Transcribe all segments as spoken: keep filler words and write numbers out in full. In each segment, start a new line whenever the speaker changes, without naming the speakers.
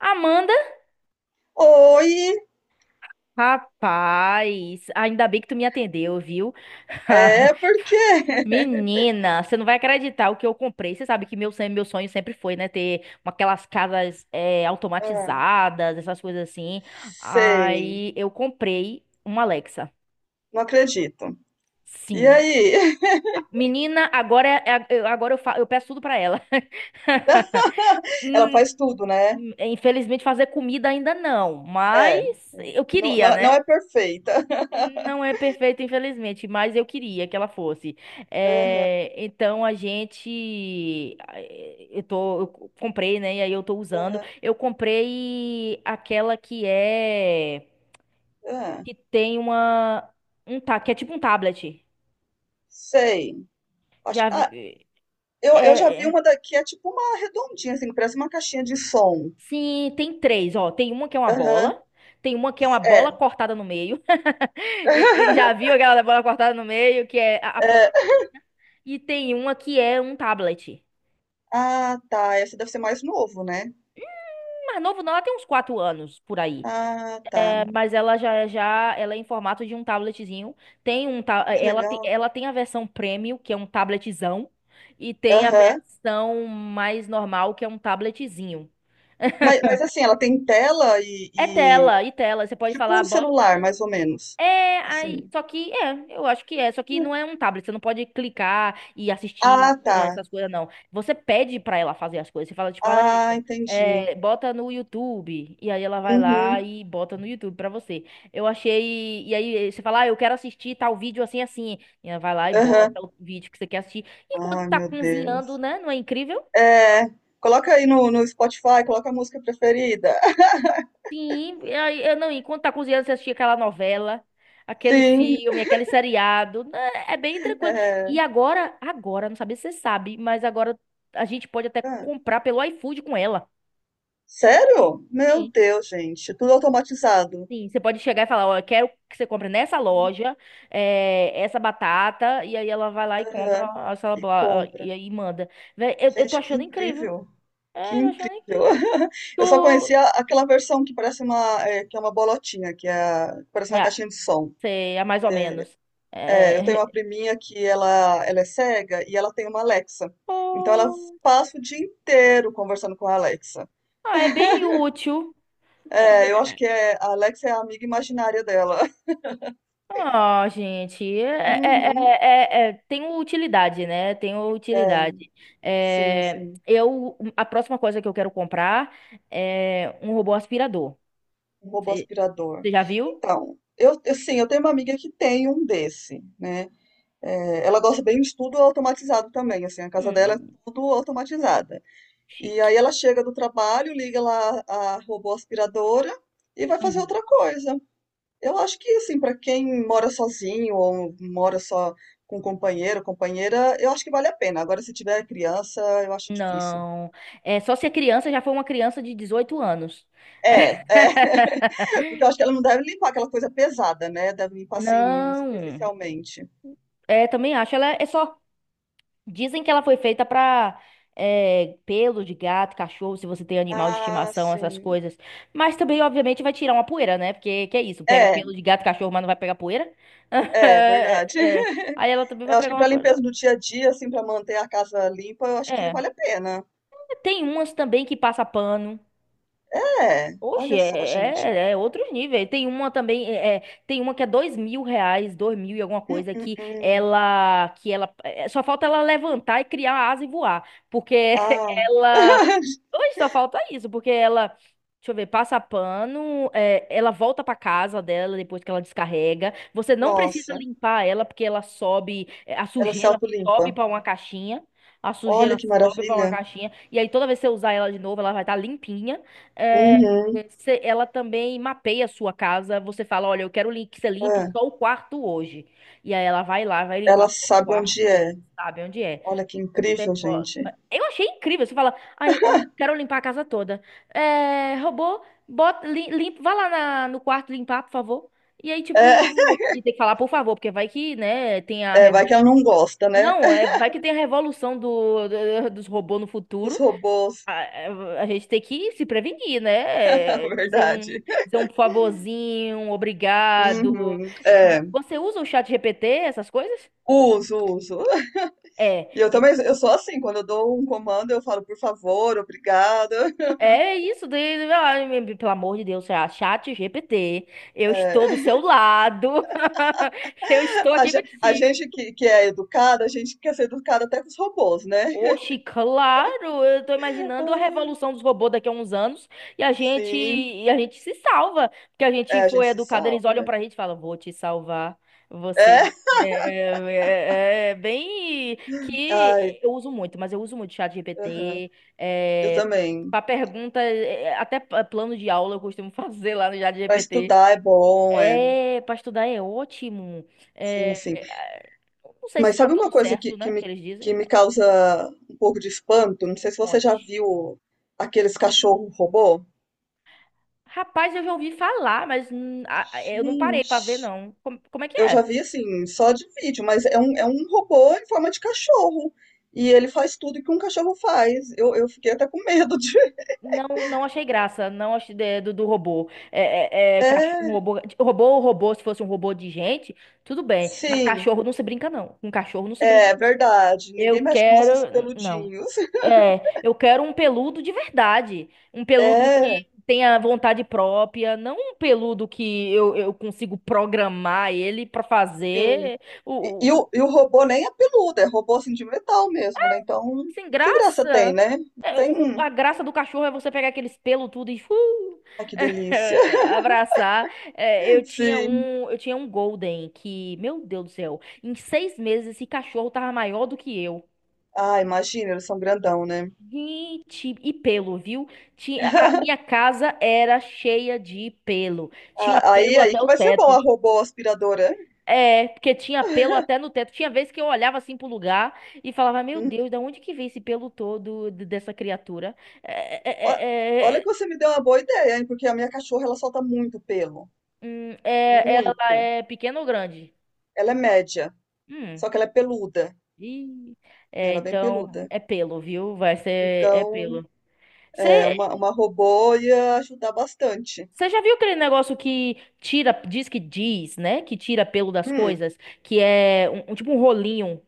Amanda?
Oi,
Rapaz, ainda bem que tu me atendeu, viu?
é porque.
Menina, você não vai acreditar o que eu comprei. Você sabe que meu, sonho- meu sonho sempre foi, né? Ter uma- aquelas casas eh,
Ah,
automatizadas, essas coisas assim.
sei,
Aí eu comprei uma Alexa.
não acredito. E
Sim.
aí?
Menina, agora, é- é- eu- agora eu, fa- eu peço tudo pra ela.
Ela
Hum.
faz tudo, né?
Infelizmente, fazer comida ainda não,
É,
mas
é.
eu
Não,
queria,
não,
né?
não é perfeita.
Não é perfeita, infelizmente, mas eu queria que ela fosse.
Aham,
Eh, então a gente, eh, eu tô, eu co- comprei, né? E aí eu tô usando.
aham,
Eu comprei aquela que é
ah,
que tem uma um ta, que é tipo um tablet.
sei. Acho
Já
que, ah,
vi,
eu, eu já
é,
vi
é-
uma daqui, é tipo uma redondinha, assim, que parece uma caixinha de som.
sim, tem três. Ó, tem uma que é uma
Aham,
bola, tem uma que é uma bola
é.
cortada no meio. E, e já viu aquela da bola cortada no meio que é a, a
É.
pobre? E tem uma que é um tablet.
Ah, tá. Esse deve ser mais novo, né?
Mais novo não, ela tem uns quatro anos por aí.
Ah, tá.
É, mas ela já, já, ela é em formato de um tabletzinho. Tem um, ta- eh,
Que
ela, tem,
legal.
ela tem a versão premium, que é um tabletzão, e tem a
Aham.
versão mais normal, que é um tabletzinho.
Mas, mas assim, ela tem tela
É
e, e-
tela, e tela. Você pode falar,
tipo um
"Ah, bota".
celular, mais ou menos.
É,
Assim.
aí, só que é, eu acho que é, só que não é um tablet, você não pode clicar e assistir
Ah, tá.
é, essas coisas, não. Você pede pra ela fazer as coisas, você fala, tipo, Alexa,
Ah, entendi.
é, bota no YouTube, e aí ela vai lá
Uhum.
e bota no YouTube pra você. Eu achei, e aí você fala, ah, eu quero assistir tal vídeo assim, assim, e ela vai lá e
Aham.
bota o vídeo que você quer assistir, enquanto
Ai,
tá
meu
cozinhando,
Deus.
né, não é incrível?
É, coloca aí no, no Spotify, coloca a música preferida.
Sim, e eu não, enquanto tá cozinhando, você assistia aquela novela, aquele
Sim.
filme, aquele seriado, né. É bem tranquilo. E
É.
agora, agora, não sabia se você sabe, mas agora a gente pode até
Ah,
comprar pelo iFood com ela.
sério? Meu
Sim,
Deus, gente. Tudo automatizado.
sim. Você pode chegar e falar, ó, eu quero que você compre nessa loja, eh, essa batata, e aí ela vai lá e
Aham.
compra essa
E
blá, e
compra.
aí manda. Véi, eu, eu tô
Gente, que
achando incrível.
incrível. Que
É, eu tô achando
incrível!
incrível.
Eu só conhecia
Tu.
aquela versão que parece uma, eh, que é uma bolotinha, que é, a- que parece uma
É,
caixinha de som.
sei, é mais ou menos.
É, eu tenho uma
É.
priminha que ela, ela é cega e ela tem uma Alexa. Então ela passa o dia inteiro conversando com a Alexa.
Ah, é bem útil. É
É, eu
bem.
acho que é, a Alexa é a amiga imaginária dela.
Ah, gente, é, é-
Uhum.
é- é- é- tem utilidade, né? Tem
É,
utilidade.
sim,
É,
sim.
eu, a próxima coisa que eu quero comprar é um robô aspirador.
Um robô
Você
aspirador.
já viu?
Então, eu, eu- sim, eu tenho uma amiga que tem um desse, né? É, ela gosta bem de tudo automatizado também, assim, a casa dela é
Hum,
tudo automatizada. E
chique.
aí ela chega do trabalho, liga lá a robô aspiradora e vai fazer
Uhum.
outra coisa. Eu acho que assim, para quem mora sozinho ou mora só com companheiro, companheira, eu acho que vale a pena. Agora, se tiver criança, eu acho difícil.
Não. É só se a criança já foi uma criança de dezoito anos.
É, é, porque eu acho que ela não deve limpar aquela coisa pesada, né? Deve limpar assim
Não.
superficialmente.
É, também acho. Ela é só. Dizem que ela foi feita pra eh, pelo de gato, cachorro, se você tem animal de
Ah,
estimação, essas
sim.
coisas. Mas também, obviamente, vai tirar uma poeira, né? Porque que é isso? Pega
É,
pelo de gato, cachorro, mas não vai pegar poeira?
é verdade.
É, é. Aí ela também vai
Eu acho
pegar
que
uma
para limpeza
poeira.
do dia a dia, assim, para manter a casa limpa, eu acho que vale
É.
a pena.
Tem umas também que passa pano.
É,
Oxe,
olha só, gente.
é, é, é outros níveis. Tem uma também, é, é, tem uma que é dois mil reais, dois mil e alguma
Hum,
coisa,
hum,
que
hum.
ela, que ela, é, só falta ela levantar e criar a asa e voar, porque
Ah,
ela, hoje só falta isso, porque ela, deixa eu ver, passa pano, é, ela volta pra casa dela depois que ela descarrega, você não precisa
nossa,
limpar ela, porque ela sobe, é, a
ela se
sujeira sobe
autolimpa.
pra uma caixinha, a
Olha
sujeira
que
sobe pra uma
maravilha.
caixinha, e aí toda vez que você usar ela de novo, ela vai estar limpinha. É.
Uhum.
Cê- Ela também mapeia a sua casa. Você fala, olha, eu quero lim- que você limpe
É.
só o quarto hoje. E aí ela vai lá, vai
Ela
limpar só o
sabe onde
quarto
é.
hoje, sabe onde é.
Olha que incrível,
Ó,
gente.
eu achei incrível. Você fala, ai, hoje eu quero limpar a casa toda. É, robô, bota, lim, limpa, vai lá na- no quarto limpar, por favor. E aí,
É,
tipo, e tem que falar, por favor, porque vai que, né, tem a...
é, vai
reso-.
que ela não gosta, né?
Não, é, vai que tem a revolução do, do- dos robôs no
Dos
futuro.
robôs,
A, a gente tem que se prevenir,
na
né? É, Dizer um,
verdade.
dizer um por favorzinho, um obrigado.
Uhum. É,
Você usa o chat G P T, essas coisas?
uso, uso.
É,
E eu
e-
também, eu sou assim, quando eu dou um comando, eu falo, por favor, obrigado.
é isso. De, ai, me- pelo amor de Deus, ah, chat G P T, eu estou do
É,
seu lado. Eu estou
a,
aqui
ge- a gente
contigo.
que, que é educada, a gente quer ser educada até com os robôs, né?
Oxi, claro, eu tô imaginando a
Ah,
revolução dos robôs daqui a uns anos e a gente
sim.
e a gente se salva, porque a
É,
gente
a gente
foi
se
educado, eles
salva,
olham
né?
pra gente e falam, vou te salvar,
É.
você é, é- é é bem que
Ai,
eu uso muito, mas eu uso muito chat
aham.
G P T,
Eu
é,
também.
para pergunta, é, é, até pa- plano de aula eu costumo fazer lá no chat
Pra
G P T.
estudar é bom, é.
É, para estudar é ótimo.
Sim, sim.
É, é, não sei se
Mas
tá
sabe
tudo
uma coisa que,
certo,
que
né, que
me,
eles dizem,
que me
mas
causa um pouco de espanto? Não sei se você já
conte.
viu aqueles cachorro robô.
Rapaz, eu já ouvi falar, mas hum, a- a- eu não parei pra ver,
Gente,
não. Como, como é que
eu já
é?
vi assim, só de vídeo, mas é um, é um robô em forma de cachorro. E ele faz tudo que um cachorro faz. Eu, eu fiquei até com medo de.
Não, não achei graça, não achei de- do, do robô. É, é, é, cach-
É,
um robô, robô, robô, se fosse um robô de gente, tudo bem. Mas
sim,
cachorro não se brinca, não. Com cachorro não se brinca,
é
não.
verdade.
Eu
Ninguém mexe com nossos
quero. Não.
peludinhos.
É, eu quero um peludo de verdade. Um peludo
É.
que tenha vontade própria, não um peludo que eu, eu consigo programar ele pra
Sim.
fazer.
E, e o, e o robô nem é peludo, é robô assim de metal mesmo, né? Então,
Sem
que graça tem,
graça?
né?
É,
Tem.
o- o-
um,
a graça do cachorro é você pegar aqueles pelos tudo e uh,
Ai, que delícia.
abraçar. É, eu tinha
Sim.
um, eu tinha um Golden que, meu Deus do céu, em seis meses esse cachorro tava maior do que eu.
Ah, imagina, eles são grandão, né?
Gente, e pelo, viu? Tinha, a minha casa era cheia de pelo. Tinha
Ah, Aí,
pelo
aí
até
que
o
vai ser bom
teto.
a robô aspiradora, hein?
É, porque tinha pelo até no teto. Tinha vezes que eu olhava assim pro lugar e falava, meu
Hum.
Deus, da onde que vem esse pelo todo de- dessa criatura? É,
Ó-
é, é, é,
Olha
é,
que você me deu uma boa ideia, hein? Porque a minha cachorra ela solta muito pelo.
hum, é- ela
Muito.
é pequena ou grande?
Ela é média,
Hum.
só que ela é peluda,
Ih,
né?
é,
Ela é bem
então
peluda.
é pelo, viu? Vai ser é
Então,
pelo.
é,
Você
uma, uma robô ia ajudar bastante.
já viu aquele negócio que tira, diz que diz, né? Que tira pelo das
Hum.
coisas, que é um, um- tipo um rolinho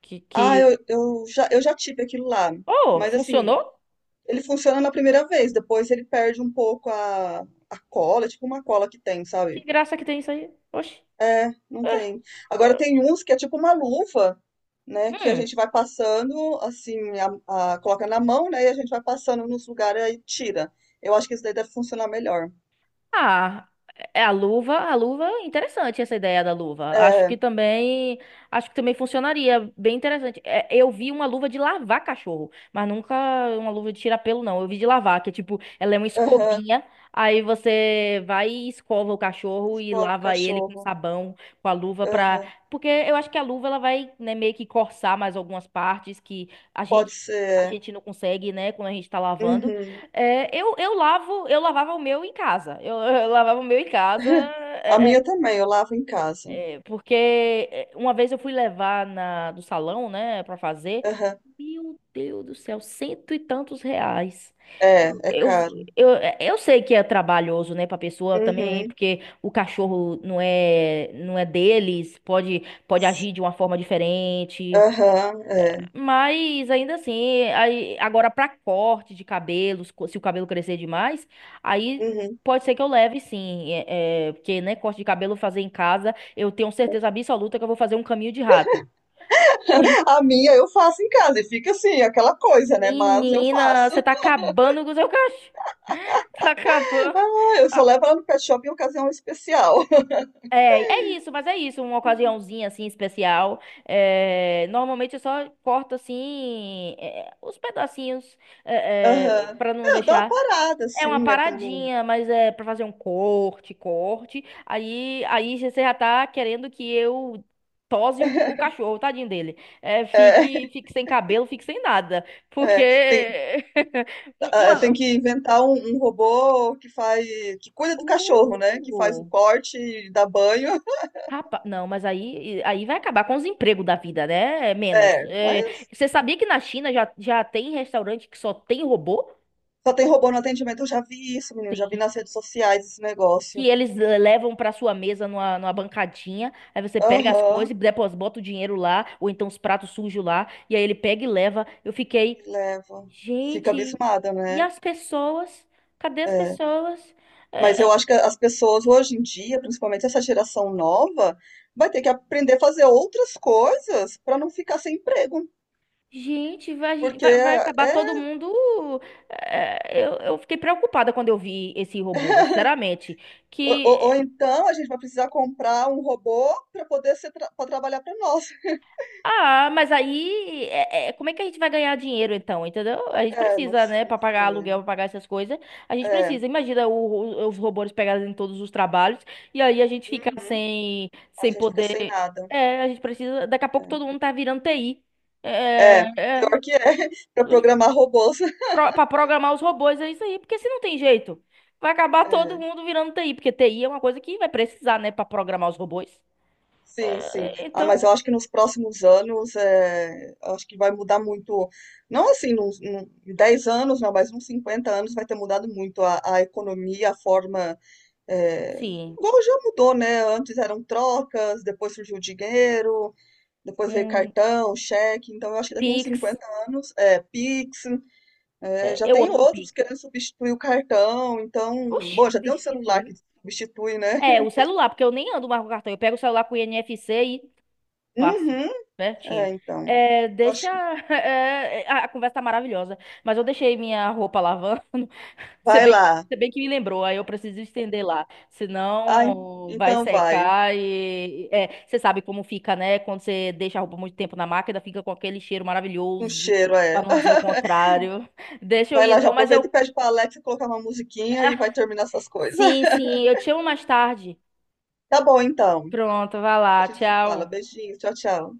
que,
Ah,
que...
eu, eu já, eu já tive aquilo lá.
Oh,
Mas assim,
funcionou?
ele funciona na primeira vez, depois ele perde um pouco a, a cola, é tipo uma cola que tem,
Que
sabe?
graça que tem isso aí. Oxi.
É, não
É,
tem. Agora
é.
tem uns que é tipo uma luva, né? Que a
Hum.
gente vai passando, assim, a, a- coloca na mão, né? E a gente vai passando nos lugares e tira. Eu acho que isso daí deve funcionar melhor.
Ah, é é a luva, a luva, interessante essa ideia da luva. Acho que
É,
também, acho que também funcionaria, bem interessante. É, eu vi uma luva de lavar cachorro, mas nunca uma luva de tirar pelo não. Eu vi de lavar, que é tipo, ela é uma
aham,
escovinha, aí você vai e escova o cachorro e
escova o
lava ele com
cachorro.
sabão, com a luva pra...
Aham,
Porque eu acho que a luva ela vai, né, meio que coçar mais algumas partes que a
pode
gente a
ser.
gente não consegue, né, quando a gente tá lavando.
Uhum.
É, eu, eu lavo, eu lavava o meu em casa. Eu, eu lavava o meu em casa,
A
é,
minha
é,
também, eu lavo em casa.
é, porque é, uma vez eu fui levar na, do salão, né, pra fazer.
Aham,
Meu Deus do céu, cento e tantos reais.
é,
Eu,
é
eu,
caro.
eu, eu sei que é trabalhoso, né, pra pessoa também,
Uhum.
porque o cachorro não é, não é deles, pode, pode agir de uma forma diferente.
Aham, é.
Mas ainda assim, aí, agora pra corte de cabelos, co- se o cabelo crescer demais, aí
Uhum.
pode ser que eu leve sim, é, é, porque né, corte de cabelo fazer em casa, eu tenho certeza absoluta que eu vou fazer um caminho de rato.
A minha eu faço em casa e fica assim, aquela coisa, né? Mas eu
Menina, você
faço.
tá acabando com o seu cachorro, tá acabando.
Ah, eu só
Ah,
levo ela no pet shop em ocasião especial.
é, é isso, mas é isso, uma ocasiãozinha assim especial. É, normalmente eu só corto assim é, os pedacinhos é,
Aham.
para não
É. Eu dou uma
deixar.
parada,
É uma
assim, né? Pra não...
paradinha, mas é pra fazer um corte, corte. Aí, aí você já tá querendo que eu tose o, o cachorro, tadinho dele. É,
É,
fique, fique sem cabelo, fique sem nada. Porque.
é. Tem, ah, tem
uma...
que inventar um, um robô que faz, que cuida do cachorro, né? Que faz o
Uh,
corte, dá banho.
rapaz, não, mas aí, aí vai acabar com os empregos da vida, né? É menos.
É,
É,
mas
você sabia que na China já, já tem restaurante que só tem robô?
só tem robô no atendimento. Eu já vi isso, menino. Já vi nas redes sociais esse
Que
negócio.
eles eh, levam para sua mesa numa, numa bancadinha. Aí você pega as
Aham,
coisas, depois bota o dinheiro lá, ou então os pratos sujos lá, e aí ele pega e leva. Eu
e
fiquei,
leva. Fica
gente,
abismada,
e
né?
as pessoas? Cadê as
É.
pessoas?
Mas
É,
eu acho que as pessoas hoje em dia, principalmente essa geração nova, vai ter que aprender a fazer outras coisas para não ficar sem emprego.
gente, vai,
Porque
vai, vai acabar
é,
todo mundo. É, eu, eu fiquei preocupada quando eu vi esse robô, sinceramente.
ou,
Que
ou- ou então a gente vai precisar comprar um robô para poder ser tra para trabalhar para nós.
ah, mas aí, é- é, como é que a gente vai ganhar dinheiro então, entendeu? A gente
É, não, não
precisa, né,
sei.
pra pagar aluguel, pra pagar essas coisas, a gente
É,
precisa. Imagina o- o- os robôs pegarem em todos os trabalhos e aí a gente fica
uhum.
sem,
A
sem
gente fica
poder.
sem nada.
É, a gente precisa. Daqui a pouco
É,
todo mundo tá virando T I. É,
é,
é,
pior que é para programar robôs.
pro- pra programar os robôs é isso aí, porque se não tem jeito, vai acabar todo
É.
mundo virando T I, porque T I é uma coisa que vai precisar, né, pra programar os robôs.
Sim, sim.
É.
Ah, mas
Então,
eu acho que nos próximos anos, é, eu acho que vai mudar muito, não assim, nos, num- em dez anos, não, mas uns cinquenta anos vai ter mudado muito a, a economia, a forma, é,
sim,
igual já mudou, né? Antes eram trocas, depois surgiu o dinheiro, depois veio
um
cartão, cheque, então eu acho que daqui uns
Pix,
cinquenta anos, é, Pix, é,
é,
já
eu
tem
amo
outros
Pix.
querendo substituir o cartão, então,
Oxi,
bom, já tem um celular que
substituiu.
substitui, né?
É, o celular, porque eu nem ando mais com cartão. Eu pego o celular com o I N F C e passo.
Uhum,
Pertinho.
é, então,
É,
eu
deixa.
acho que
É, a a conversa tá maravilhosa. Mas eu deixei minha roupa lavando. Se
vai
bem que,
lá.
se bem que me lembrou, aí eu preciso estender lá.
Ai,
Senão vai
então vai.
secar e. É, você sabe como fica, né? Quando você deixa a roupa muito tempo na máquina, fica com aquele cheiro
Um
maravilhoso.
cheiro,
Pra
é.
não dizer o contrário. Deixa eu
Vai
ir
lá, já
então, mas eu.
aproveita e pede pra Alexa colocar uma musiquinha e vai terminar essas coisas.
Sim, sim, eu te chamo mais tarde.
Tá bom, então.
Pronto, vai
A
lá.
gente se fala.
Tchau.
Beijinho, tchau, tchau.